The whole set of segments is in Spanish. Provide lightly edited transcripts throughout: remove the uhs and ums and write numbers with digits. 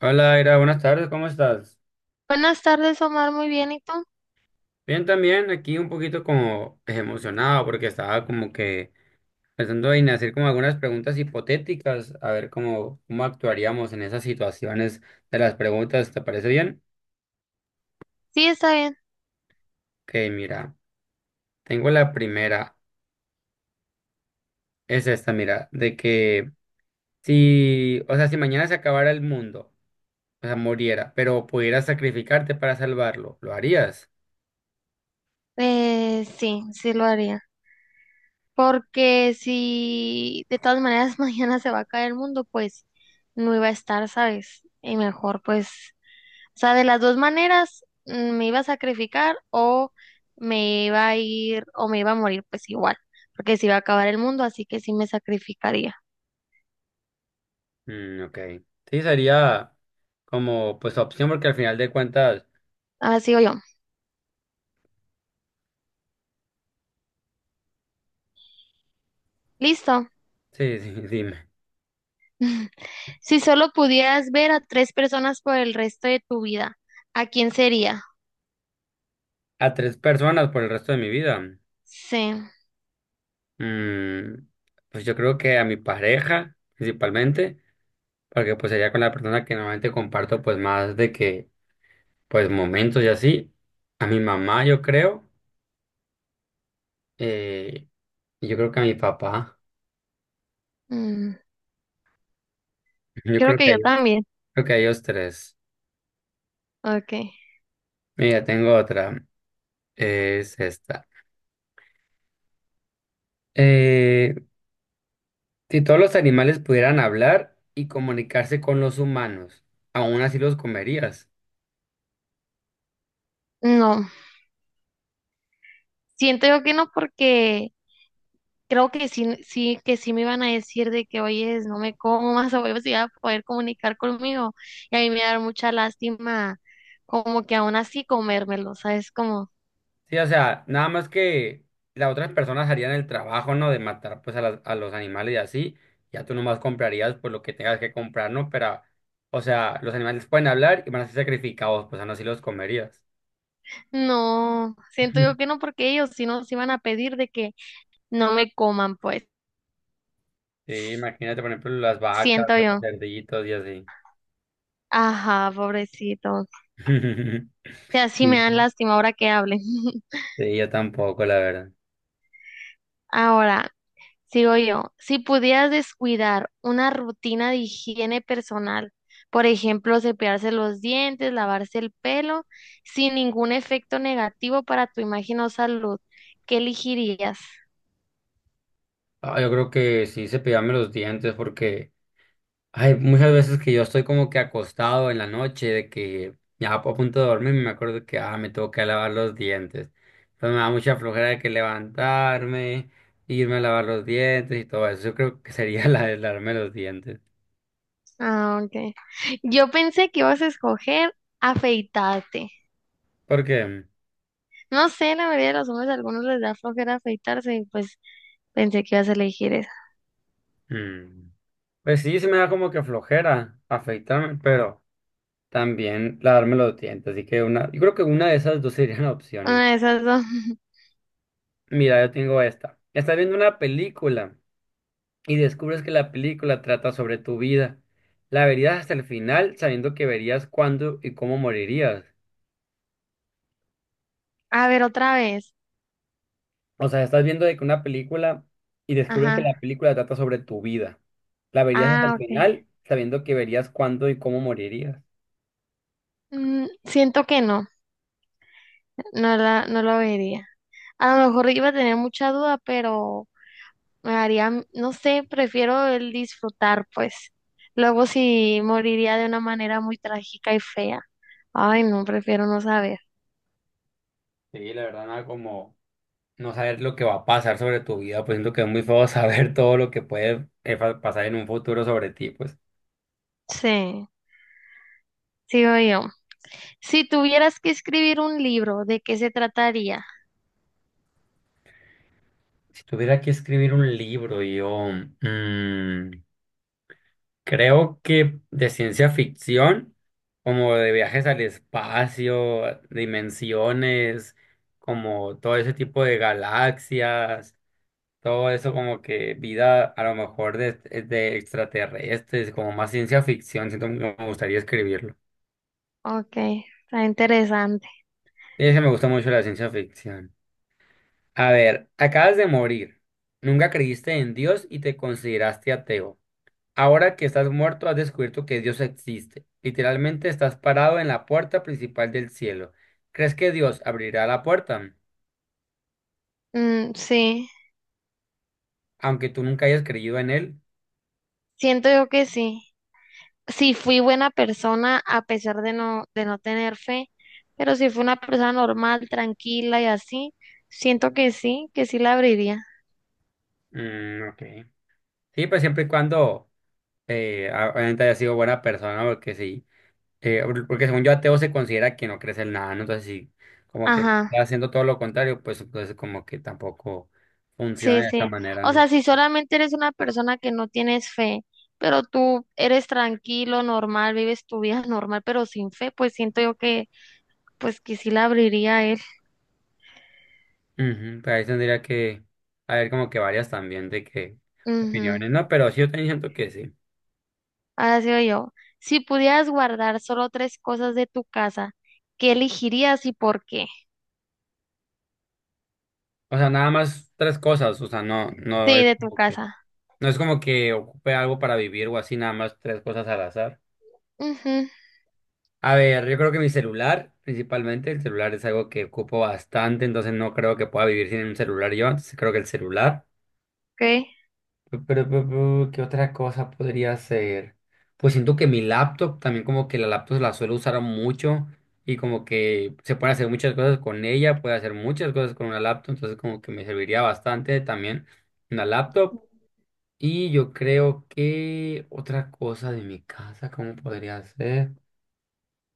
Hola, Ira, buenas tardes, ¿cómo estás? Buenas tardes, Omar. Muy bien, ¿y tú? Bien, también aquí un poquito como emocionado porque estaba como que pensando en hacer como algunas preguntas hipotéticas, a ver cómo actuaríamos en esas situaciones de las preguntas, ¿te parece bien? Sí, está bien. Ok, mira, tengo la primera, es esta, mira, de que si, o sea, si mañana se acabara el mundo, o sea, muriera, pero pudieras sacrificarte para salvarlo, ¿lo harías? Sí, sí lo haría. Porque si de todas maneras mañana se va a caer el mundo, pues no iba a estar, ¿sabes? Y mejor, pues, o sea, de las dos maneras, me iba a sacrificar o me iba a ir o me iba a morir, pues igual, porque se iba a acabar el mundo, así que sí me sacrificaría. Mm, ok, sí, sería como pues opción porque al final de cuentas... Ahora sigo yo. Listo. Sí, sí, dime. Si solo pudieras ver a tres personas por el resto de tu vida, ¿a quién sería? A tres personas por el resto de mi vida. Sí, Mm, pues yo creo que a mi pareja, principalmente, porque pues sería con la persona que normalmente comparto pues más de que, pues momentos y así. A mi mamá, yo creo. eh, y yo creo que a mi papá. mm, Yo creo creo que que a yo ellos, también. creo que a ellos tres. Okay. Mira, tengo otra. Es esta. Eh, si todos los animales pudieran hablar y comunicarse con los humanos, ¿aún así los comerías? No, siento yo que no porque creo que sí, sí, que sí me iban a decir de que, oye, no me comas o si iba a poder comunicar conmigo. Y a mí me da mucha lástima como que aún así comérmelo, ¿sabes? Como, Sí, o sea, nada más que las otras personas harían el trabajo, ¿no? De matar pues a, a los animales y así. Ya tú nomás comprarías pues lo que tengas que comprar, ¿no? Pero, o sea, los animales pueden hablar y van a ser sacrificados, pues aún así los comerías. no, siento yo que no porque ellos si no nos iban a pedir de que no me coman, pues, Sí, imagínate, por ejemplo, las vacas, siento o los yo. cerditos y así. Ajá, pobrecito. O sea, sí me dan Sí, lástima ahora que hablen. sí, yo tampoco, la verdad. Ahora. Sigo yo. Si pudieras descuidar una rutina de higiene personal, por ejemplo, cepillarse los dientes, lavarse el pelo, sin ningún efecto negativo para tu imagen o salud, ¿qué elegirías? Ah, yo creo que sí se cepillarme los dientes porque hay muchas veces que yo estoy como que acostado en la noche, de que ya a punto de dormir, me acuerdo que me tengo que lavar los dientes. Entonces me da mucha flojera de que levantarme, irme a lavar los dientes y todo eso. Yo creo que sería la de lavarme los dientes. Ah, ok. Yo pensé que ibas a escoger afeitarte. Porque, No sé, la mayoría de los hombres, a algunos les da flojera afeitarse y pues pensé que ibas a elegir esa. mm, pues sí, se me da como que flojera afeitarme, pero también lavarme los dientes. Así que una, yo creo que una de esas dos serían opciones. Ah, esas dos. Mira, yo tengo esta. Estás viendo una película y descubres que la película trata sobre tu vida. ¿La verías hasta el final sabiendo que verías cuándo y cómo morirías? A ver, otra vez. O sea, estás viendo de que una película y descubres que la Ajá. película trata sobre tu vida. ¿La verías hasta el Ah, ok. final sabiendo que verías cuándo y cómo morirías? Mm, siento que no. No lo vería. A lo mejor iba a tener mucha duda, pero me haría, no sé, prefiero el disfrutar, pues. Luego sí moriría de una manera muy trágica y fea. Ay, no, prefiero no saber. Sí, la verdad, nada como no saber lo que va a pasar sobre tu vida, pues siento que es muy feo saber todo lo que puede pasar en un futuro sobre ti, pues. Sí, sigo yo. Si tuvieras que escribir un libro, ¿de qué se trataría? Si tuviera que escribir un libro, yo... mm, creo que de ciencia ficción, como de viajes al espacio, dimensiones, como todo ese tipo de galaxias, todo eso como que vida a lo mejor de extraterrestres, como más ciencia ficción, siento que me gustaría escribirlo. Ok, está interesante. Y eso me gusta mucho la ciencia ficción. A ver, acabas de morir, nunca creíste en Dios y te consideraste ateo. Ahora que estás muerto, has descubierto que Dios existe. Literalmente estás parado en la puerta principal del cielo. ¿Crees que Dios abrirá la puerta? Sí, Aunque tú nunca hayas creído en él. siento yo que sí. Sí fui buena persona a pesar de no tener fe, pero si fui una persona normal, tranquila y así, siento que sí la abriría. Mm, ok. Sí, pues siempre y cuando obviamente haya sido buena persona, porque sí. Porque según yo, ateo se considera que no crees en nada, ¿no? Entonces, sí, como que está Ajá, haciendo todo lo contrario, pues entonces como que tampoco funciona sí, de sí. esta manera, O ¿no? sea, si solamente eres una persona que no tienes fe, pero tú eres tranquilo, normal, vives tu vida normal, pero sin fe, pues siento yo que, pues que sí la abriría a él. Ujú, pues ahí tendría que haber como que varias también de que Ujú. opiniones, ¿no? Pero sí yo también siento que sí. Ahora sigo yo. Si pudieras guardar solo tres cosas de tu casa, ¿qué elegirías y por qué? O sea, nada más tres cosas, o sea, no, no Sí, es de tu como que, casa. no es como que ocupe algo para vivir o así, nada más tres cosas al azar. Ujú. A ver, yo creo que mi celular, principalmente, el celular es algo que ocupo bastante, entonces no creo que pueda vivir sin un celular yo, entonces creo que el celular. Ok. Pero, ¿qué otra cosa podría hacer? Pues siento que mi laptop, también como que la laptop la suelo usar mucho y como que se pueden hacer muchas cosas con ella, puede hacer muchas cosas con una laptop, entonces como que me serviría bastante también una laptop. Y yo creo que otra cosa de mi casa, ¿cómo podría ser?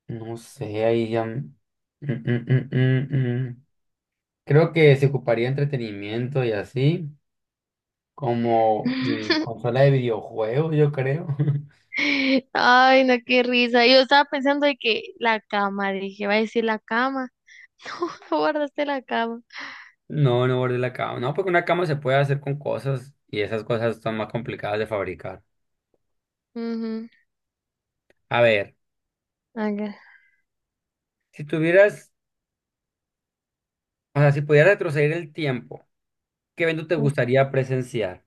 No sé, ahí ya... mm, mm, mm, mm. Creo que se ocuparía entretenimiento y así. Como mi consola de videojuegos, yo creo. Ay, no, qué risa. Yo estaba pensando de que la cama, dije, va a decir la cama. Guardaste la cama. No, no guardé la cama. No, porque una cama se puede hacer con cosas y esas cosas son más complicadas de fabricar. Ujú, A ver, ok, si tuvieras, o sea, si pudieras retroceder el tiempo, ¿qué evento te ok. gustaría presenciar?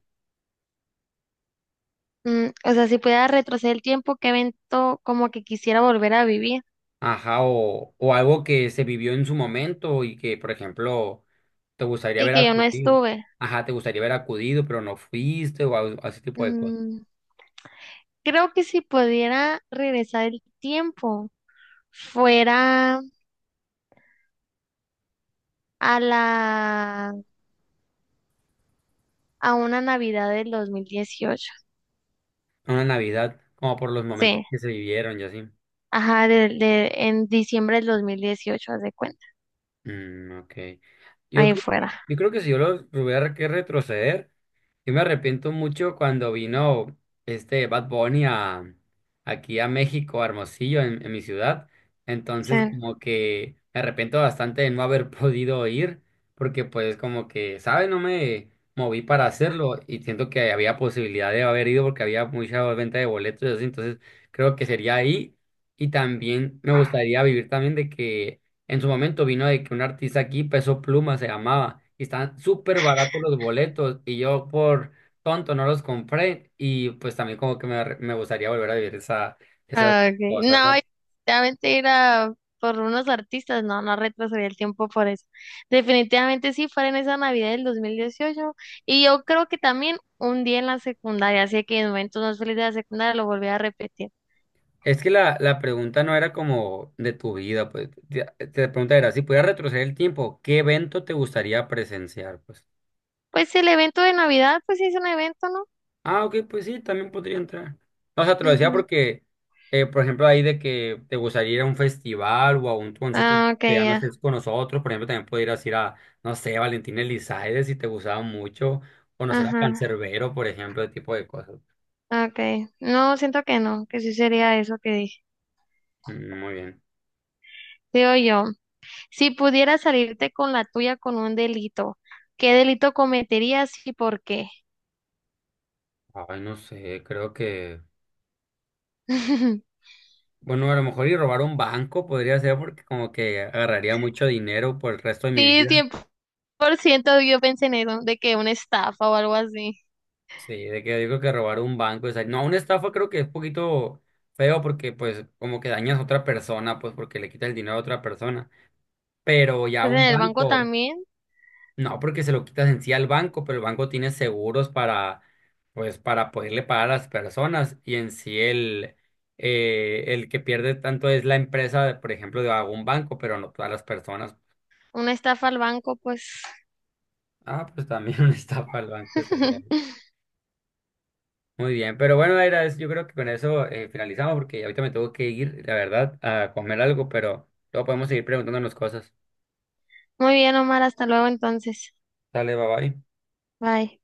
Mm, o sea, si pudiera retroceder el tiempo, qué evento como que quisiera volver a vivir Ajá, o algo que se vivió en su momento y que, por ejemplo, te gustaría y haber que yo no acudido. estuve. Ajá, te gustaría haber acudido, pero no fuiste o algo- ese tipo de cosas. Mm, creo que si pudiera regresar el tiempo, fuera a la a una Navidad del 2018. Una Navidad, como por los momentos Sí, que se vivieron y así. ajá, en diciembre del 2018 haz de cuenta. Mm, ok. Yo, Ahí fuera. Yo creo que si yo lo tuviera que retroceder, yo me arrepiento mucho cuando vino este Bad Bunny aquí a México, a Hermosillo, en mi ciudad. Sí. Entonces, como que me arrepiento bastante de no haber podido ir, porque pues como que, ¿sabes? No me moví para hacerlo y siento que había posibilidad de haber ido porque había mucha venta de boletos y así. Entonces, creo que sería ahí. Y también me gustaría vivir también de que en su momento vino de que un artista aquí, Peso Pluma se llamaba, y estaban súper baratos los boletos, y yo por tonto no los compré, y pues también como que me gustaría volver a vivir esa, esas Ah, okay. cosas, No, ¿no? yo definitivamente ir a por unos artistas, no, no retrasaría el tiempo por eso. Definitivamente sí, fuera en esa Navidad del 2018. Y yo creo que también un día en la secundaria, así que en momentos más felices de la secundaria lo volví a repetir. Es que la pregunta no era como de tu vida, pues, la pregunta era, si pudieras retroceder el tiempo, ¿qué evento te gustaría presenciar, pues? Pues el evento de Navidad, pues sí es un evento, ¿no? Ah, ok, pues sí, también podría entrar. No, o sea, te lo decía Ujú. porque, por ejemplo, ahí de que te gustaría ir a un festival o a un concierto Ah, ok, que ya no ya. estés con nosotros, por ejemplo, también podrías ir a, no sé, Valentín Elizalde si te gustaba mucho, conocer a Ajá, Cancerbero, por ejemplo, ese tipo de cosas. ok. No, siento que no, que sí sería eso que dije. Mm, muy bien. Digo yo. Si pudieras salirte con la tuya con un delito, ¿qué delito cometerías y por qué? Ay, no sé, creo que, bueno, a lo mejor ir a robar un banco podría ser porque como que agarraría mucho dinero por el resto de mi Sí, vida. 100% yo pensé en eso, de que una estafa o algo así. Sí, de que digo que robar un banco, o sea, no, una estafa creo que es un poquito feo porque pues como que dañas a otra persona, pues porque le quitas el dinero a otra persona, pero ya Pues en un el banco banco, también, no, porque se lo quitas en sí al banco, pero el banco tiene seguros para, pues para poderle pagar a las personas y en sí el que pierde tanto es la empresa, por ejemplo, de algún banco, pero no todas las personas. una estafa al banco, pues. Ah, pues también una estafa al banco estaría. Muy bien, pero bueno, era, yo creo que con eso finalizamos porque ahorita me tengo que ir, la verdad, a comer algo, pero luego podemos seguir preguntándonos cosas. Muy bien, Omar, hasta luego entonces. Dale, bye bye. Bye.